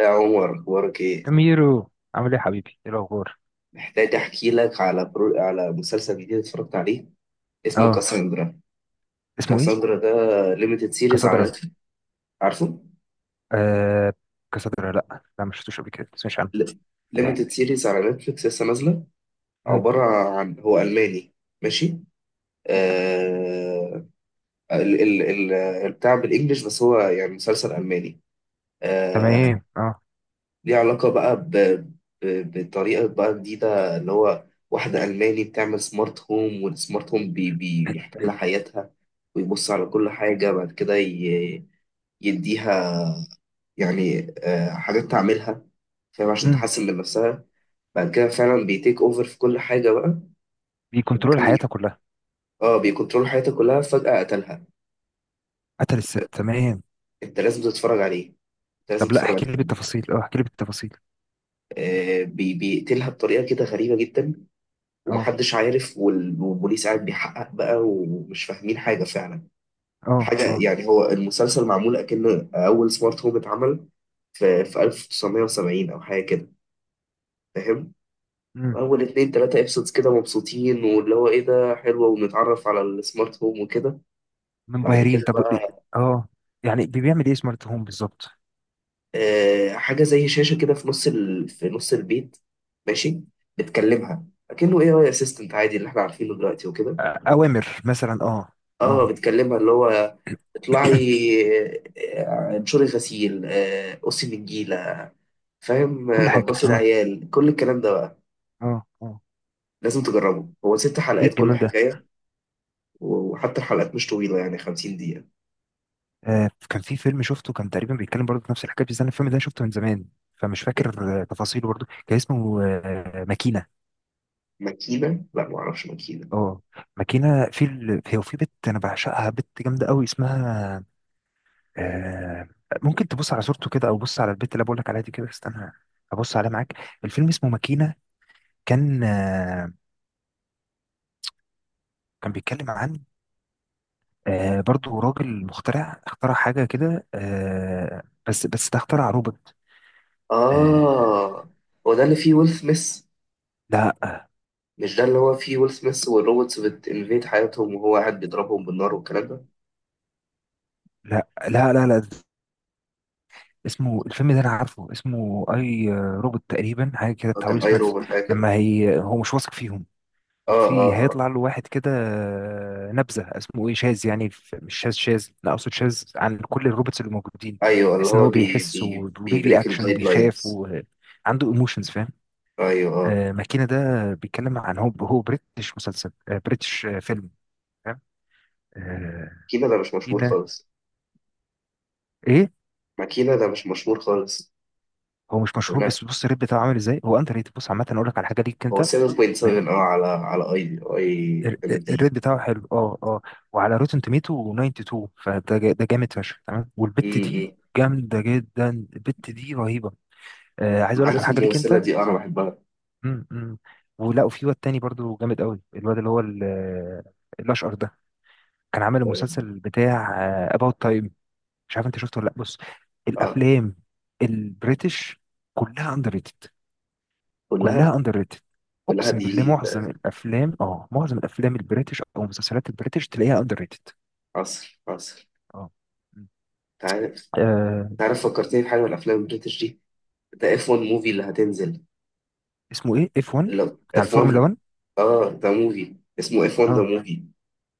يا عمر، اخبارك ايه؟ ميرو عامل ايه يا حبيبي؟ ايه الاخبار؟ محتاج احكي لك على مسلسل جديد اتفرجت عليه، اسمه اه. كاساندرا. اسمه ايه؟ كاساندرا ليميتد سيريز على كسدرة؟ نتفلكس. عارفه؟ آه، كسدرة، لا لا ما شفتوش قبل كده، ما سمعتش عنه. إيه. ليميتد سيريز على نتفلكس، لسه نازله. مم. عباره عن هو الماني، ماشي. آه... ال... ال... ال... البتاع بالانجلش، بس هو يعني مسلسل الماني آه، تمام اه. ليه علاقة بقى بطريقة بقى جديدة، اللي هو واحدة ألماني بتعمل سمارت هوم، والسمارت هوم بيحتل حياتها، ويبص على كل حاجة. بعد كده يديها يعني حاجات تعملها، فاهم، عشان مم. تحسن من نفسها. بعد كده فعلا بيتيك اوفر في كل حاجة بقى. ده بيكنترول كان حياتها يعني، كلها. اه، بيكنترول حياتها كلها، فجأة قتلها. قتل الست، تمام. انت لازم تتفرج عليه، انت لازم طب لا تتفرج احكي لي عليه. بالتفاصيل، اه احكي لي بالتفاصيل. آه بيقتلها بطريقة كده غريبة جدا، اه ومحدش عارف، والبوليس قاعد بيحقق بقى ومش فاهمين حاجة فعلا. اه حاجة اه. يعني، هو المسلسل معمول أكنه أول سمارت هوم اتعمل في 1970 أو حاجة كده، فاهم؟ مم. أول اتنين تلاتة ابسودز كده مبسوطين، واللي هو إيه ده، حلوة، ونتعرف على السمارت هوم وكده. بعد منبهرين، كده طب ليه؟ بقى، اه، يعني بيعمل ايه سمارت هوم بالظبط؟ آه، حاجة زي شاشة كده في نص البيت، ماشي، بتكلمها أكنه AI أسيستنت عادي اللي إحنا عارفينه دلوقتي وكده. اوامر مثلا، اه. اه، اه بتكلمها اللي هو: اطلعي، انشري غسيل، قصي نجيلة، فاهم، كل حاجة، نضفي اه العيال، كل الكلام ده بقى. اه اه. لازم تجربه، هو ست ايه حلقات كل الجمال ده؟ حكاية، وحتى الحلقات مش طويلة، يعني 50 دقيقة. كان في فيلم شفته، كان تقريبا بيتكلم برضه في نفس الحكايه، بس انا الفيلم ده شفته من زمان، فمش فاكر تفاصيله برضه. كان اسمه ماكينه. ماكينة؟ لا معرفش ماكينة. اه، ماكينه. في هي، وفي بنت انا بعشقها، بنت جامده قوي، اسمها آه، ممكن تبص على صورته كده، او بص على البنت اللي بقول لك عليها دي كده، استنى ابص عليها معاك. الفيلم اسمه ماكينه، كان كان بيتكلم عن برضه راجل مخترع، اخترع حاجه كده، بس ده اخترع روبوت. آه، اه، هو ده اللي فيه ويل سميث؟ لا مش ده اللي هو فيه ويل سميث والروبوتس بتنفيد حياتهم وهو قاعد بيضربهم بالنار والكلام ده؟ لا لا لا لا، اسمه الفيلم ده انا عارفه اسمه اي روبوت تقريبا، حاجه كده هو بتاع ويل كان اي سميث. روبوت حاجة كده. لما هو مش واثق فيهم، اه اه وفي اه، هيطلع له واحد كده نبذه، اسمه ايه، شاذ يعني، مش شاذ شاذ لا، اقصد شاذ عن كل الروبوتس اللي موجودين، ايوه اللي بحيث ان هو هو بي بيحس بي وليه بيبريك رياكشن الجايد وبيخاف لاينز. وعنده ايموشنز، فاهم؟ ايوه آه. ماكينه ده بيتكلم عن هو بريتش مسلسل، بريتش، فيلم، فاهم؟ آه، كينا ده مش مشهور ماكينه. خالص، ايه؟ ما كينا ده مش مشهور خالص. هو مش يقول مشهور، لك بس بص الريت بتاعه عامل ازاي. هو انت ريت بص عامه، اقول لك على حاجه ليك هو انت. 7.7 اه، على على اي اي ال- ام ال- الريت دي. بتاعه حلو، اه اه. وعلى روتن توميتو 92، فده ده جامد فشخ، تمام. والبت امم، دي جامده جدا، البت دي رهيبه. آه، عايز اقول لك على عارف حاجه ليك الممثله انت. دي؟ انا بحبها. م -م. ولا، وفي واد تاني برضو جامد قوي، الواد اللي هو الاشقر ده، كان عامل المسلسل بتاع اباوت تايم، مش عارف انت شفته ولا لا؟ بص، اه، الافلام البريتش كلها اندر ريتد، كلها؟ كلها اندر ريتد. كلها اقسم بالله دي معظم ده؟ الافلام، اه معظم الافلام البريتش او مسلسلات البريتش تلاقيها اندر ريتد. عصر عصر، اه. مم. انت عارف، آه، انت عارف فكرتني بحاجه من الافلام البريتش دي؟ ده اف 1 موفي اللي هتنزل، اسمه ايه؟ اف 1 اللي بتاع اف الفورمولا 1. 1؟ اه، ده موفي اسمه اف 1 ذا اه. موفي،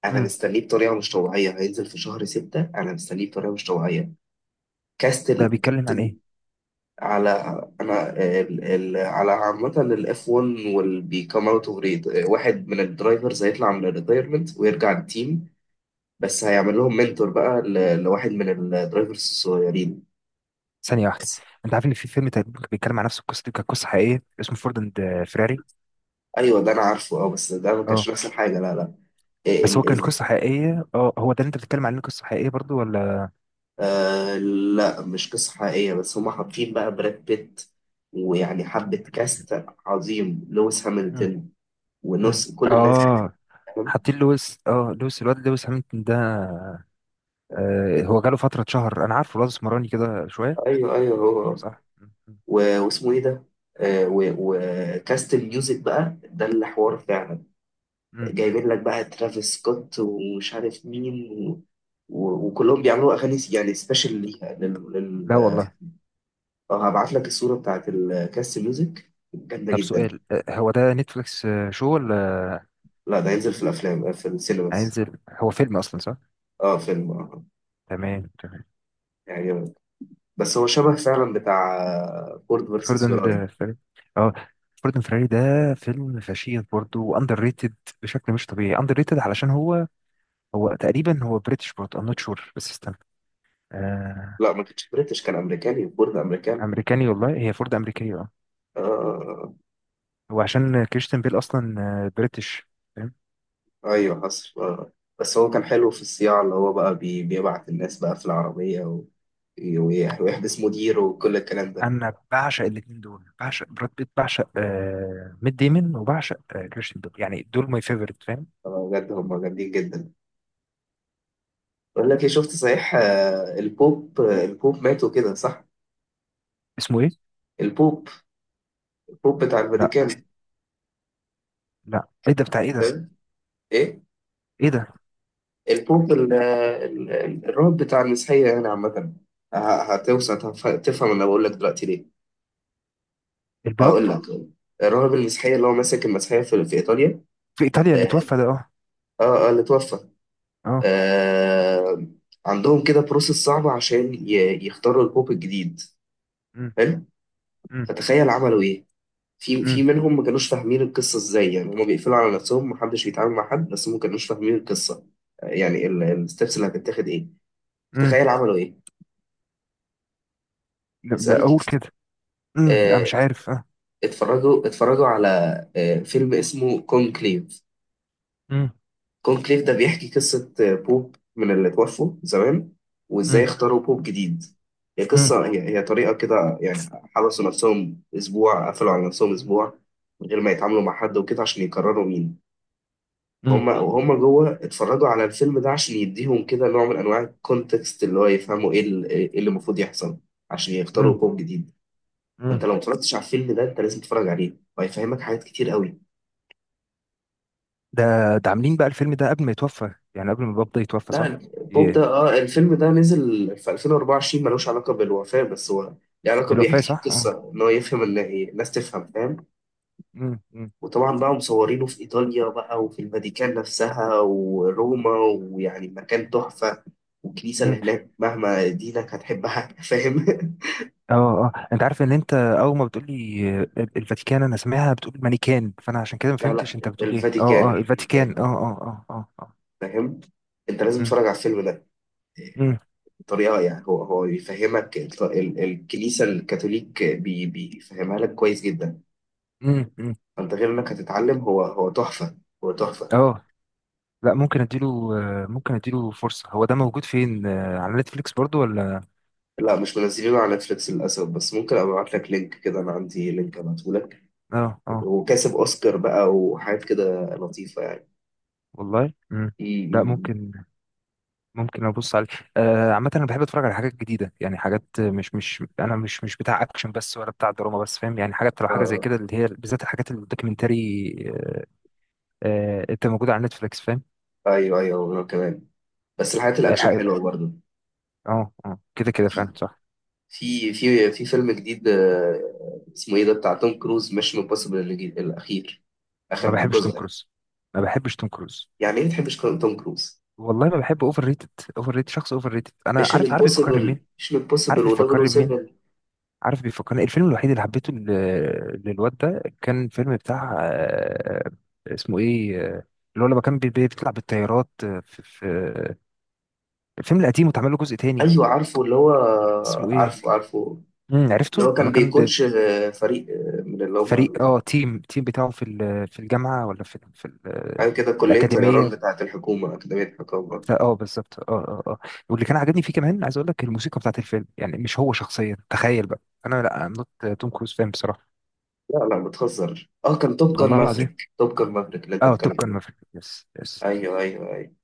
انا امم. مستنيه بطريقه مش طبيعيه، هينزل في شهر 6، انا مستنيه بطريقه مش طبيعيه. كاست ده بيتكلم عن ايه؟ على، انا ال ال على عامة الاف 1، والبيكام اوت اوف ريد، واحد من الدرايفرز هيطلع من الريتايرمنت ويرجع التيم، بس هيعمل لهم منتور بقى لواحد من الدرايفرز الصغيرين، ثانيه واحده، بس. انت عارف ان في فيلم تقريباً كان بيتكلم عن نفس القصه دي؟ كانت قصه حقيقيه، اسمه فورد اند فيراري. ايوه ده انا عارفه، اه، بس ده ما كانش اه، نفس الحاجة، لا لا. إيه، بس هو ال كان ال قصه حقيقيه، اه هو ده اللي انت بتتكلم عليه قصه حقيقيه برضو ولا؟ آه، لا مش قصة حقيقية، بس هما حاطين بقى براد بيت ويعني حبة كاست عظيم، لويس مم. هامilton مم. ونص، كل الناس دي، اه فاهم؟ حاطين لويس، اه لويس، الواد لويس هامilton ده؟ آه، هو جاله فتره شهر، انا عارفه الواد اسمراني كده شويه. ايوه ايوه هو. صح. مم. واسمه ايه ده، وكاست الميوزك بقى ده اللي حوار فعلا، مم. جايبين لك بقى ترافيس سكوت ومش عارف مين و... وكلهم بيعملوا اغاني يعني سبيشال ليها لا والله. اه، هبعت لك الصوره بتاعت الكاست، ميوزك جامده طب جدا. سؤال، هو ده نتفليكس شو ولا؟ لا ده هينزل في الافلام، في السينماس. هينزل، هو فيلم اصلا صح؟ اه فيلم اه، تمام تمام. يعني، بس هو شبه فعلا بتاع فورد فيرسس فوردن فيراري. ده فري، اه، فوردن فراري ده فيلم فشيخ برضه، واندر ريتد بشكل مش طبيعي، اندر ريتد. علشان هو، هو تقريبا بريتش برضه، ام نوت شور، بس استنى. آه. لا ما كانش بريتش، كان امريكاني، فورد امريكان. امريكاني، والله هي فورد امريكيه، اه. اه هو عشان كريستيان بيل اصلا بريتش، فاهم؟ ايوه حصل. بس هو كان حلو في الصياعة، اللي هو بقى بيبعت الناس بقى في العربية، ويحبس مديره وكل الكلام ده. انا بعشق الاثنين دول، بعشق براد بيت، بعشق آه ميت ديمون، وبعشق آه كريستيان بيل، يعني دول ماي فيفورت، فاهم؟ بجد هم جامدين جدا. بقول لك ايه، شفت صحيح؟ البوب ماتوا كده، صح؟ اسمه ايه؟ البوب، البوب بتاع الفاتيكان لا. لا ايه ده بتاع ايه ده؟ ده. ايه؟ ايه ده؟ البوب الرب بتاع المسيحية يعني عامة. تفهم، انا بقول لك دلوقتي ليه. الباب هقول لك، الراهب المسيحية اللي هو ماسك المسيحية في ايطاليا، في ايطاليا اللي اه توفى ده؟ اه. اه اللي توفى. اه. آه، عندهم كده بروسيس صعبة عشان يختاروا البوب الجديد، مم. حلو. مم. فتخيل عملوا ايه، في في مم. منهم ما كانوش فاهمين القصة ازاي، يعني هما بيقفلوا على نفسهم، محدش بيتعامل مع حد، بس هما ما كانوش فاهمين القصة، يعني الستبس اللي هتتاخد ايه. مم. تخيل عملوا ايه. لا، اسألني. اقول كده. مم، انا آه، مش عارف، اه. اتفرجوا، اتفرجوا على فيلم اسمه كونكليف. مم. كونكليف ده بيحكي قصة بوب من اللي توفوا زمان وإزاي مم. اختاروا بوب جديد. هي مم. قصة هي, هي طريقة كده يعني، حبسوا نفسهم أسبوع، قفلوا على نفسهم مم. أسبوع من غير ما يتعاملوا مع حد وكده، عشان يقرروا مين. مم. هم وهم جوه اتفرجوا على الفيلم ده عشان يديهم كده نوع من أنواع الكونتكست، اللي هو يفهموا إيه اللي المفروض يحصل عشان مم. يختاروا بوب جديد. فأنت مم. لو متفرجتش على الفيلم ده أنت لازم تتفرج عليه، وهيفهمك حاجات كتير قوي. ده، ده عاملين بقى الفيلم ده قبل ما يتوفى، يعني قبل ما الباب ده يتوفى صح؟ لا، بوب ده ايه اه، الفيلم ده نزل في 2024، ملوش علاقة بالوفاة، بس هو له علاقة، بالوفاة بيحكي صح؟ اه. قصة إن هو يفهم، إن إيه الناس تفهم، فاهم. مم. مم. وطبعا بقى مصورينه في إيطاليا بقى، وفي الفاتيكان نفسها وروما، ويعني مكان تحفة، والكنيسة اللي مم. هناك مهما دينك هتحبها. فاهم. اه اه، انت عارف ان انت اول ما بتقول لي الفاتيكان انا سامعها بتقول المانيكان، فانا عشان كده ما لا فهمتش لا، انت بتقول ايه. اه الفاتيكان، اه الفاتيكان، اه الفاتيكان، اه اه اه اه. فاهم. أنت لازم مم. تتفرج على الفيلم ده، مم. بطريقة يعني، هو هو بيفهمك الكنيسة الكاثوليك، بيفهمها لك كويس جدا. مم. مم. انت غير انك هتتعلم، هو هو تحفه، هو تحفه. اه، لا ممكن اديله، ممكن اديله فرصة. هو ده موجود فين؟ على نتفليكس برضو ولا؟ لا مش منزلينه على نتفليكس للاسف، بس ممكن ابقى ابعت لك لينك كده، انا عندي لينك ابعته لك. اه اه. وكاسب اوسكار بقى وحاجات كده لطيفه يعني. والله امم. ده امم ممكن، ممكن ابص عليه. عامة انا بحب اتفرج على حاجات جديدة، يعني حاجات مش انا مش بتاع اكشن بس، ولا بتاع دراما بس، فاهم؟ يعني حاجات لو حاجة زي آه. كده، اللي هي بالذات الحاجات الدوكيومنتري، انت موجودة على نتفليكس، فاهم؟ ايوه ايوه انا كمان، بس الحاجات الاكشن الحاجات، حلوه برضه. اه اه كده كده في فعلا صح. في فيلم جديد اسمه ايه ده، بتاع توم كروز، ميشن امبوسيبل الاخير، ما اخر بحبش توم جزء يعني. كروز، ما بحبش توم كروز. يعني ايه ما بتحبش توم كروز؟ والله ما بحب اوفر ريتد. اوفر ريتد، شخص اوفر ريتد. انا ميشن عارف، عارف يفكرني امبوسيبل، مين. ميشن عارف امبوسيبل بيفكرني بمين؟ و007. عارف بيفكرني الفيلم الوحيد اللي حبيته ل- للواد ده كان فيلم بتاع اسمه ايه، اللي هو لما كان بيطلع بالطيارات، في الفيلم القديم واتعمل له جزء تاني، ايوه عارفه، اللي هو، اسمه ايه؟ عارفه عارفه. امم. اللي عرفته، هو كان لما كان ب- بيكوتش فريق، من اللي هم فريق، اه تيم بتاعه في الجامعة ولا في ال- في ال- حاجه كده، كليه طيران الأكاديمية بتاعه الحكومه، اكاديميه الحكومه. بتاع- اه بالظبط، اه اه اه. واللي كان عاجبني فيه كمان، عايز اقول لك الموسيقى بتاعت الفيلم، يعني مش هو شخصيا، تخيل بقى انا لا، ام نوت توم كروز فان بصراحة. لا لا بتهزر، اه كان توب جان والله العظيم. مافريك، توب جان مافريك اللي انت اه، بتتكلم توب كان عليه. مافريك، يس يس. ايوه ايوه ايوه.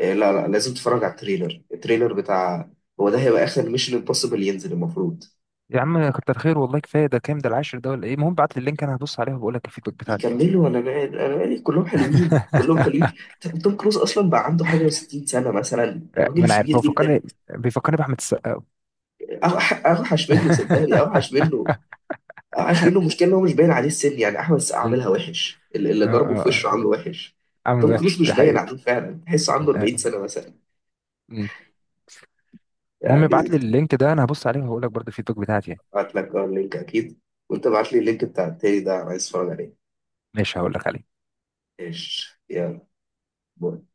إيه، لا لا، لازم تتفرج على التريلر، التريلر بتاع، هو ده هيبقى اخر ميشن امبوسيبل ينزل المفروض. يا عم كتر خير والله، كفايه ده، كام ده العاشر ده ولا ايه؟ المهم، بعت لي اللينك انا هبص عليه وبقول لك الفيدباك بتاعتي يعني. يكملوا، انا مال، انا مالي، كلهم حلوين كلهم حلوين. توم كروز اصلا بقى عنده حاجه و60 سنه مثلا، ما راجل انا عارف كبير هو جدا. فكرني، بيفكرني باحمد السقا. اوحش منه، صدقني اوحش منه، عاش منه. مشكلة ان هو مش باين عليه السن، يعني احمد السقا اه عاملها وحش، اللي اه. ضربه في وشه عامله آه. وحش. عامل توم كروز وحش مش دي باين حقيقة. عليه فعلا، تحسه عنده 40 آه. سنة مثلا مم. المهم يعني. ابعت لي اللينك ده انا هبص عليه وهقول لك برضه الفيدباك بتاعتي يعني. ابعت لك اللينك اكيد، وانت ابعت لي اللينك بتاع التاني ده، انا عايز اتفرج عليه. ماشي هقول لك عليه. ايش، يلا، باي.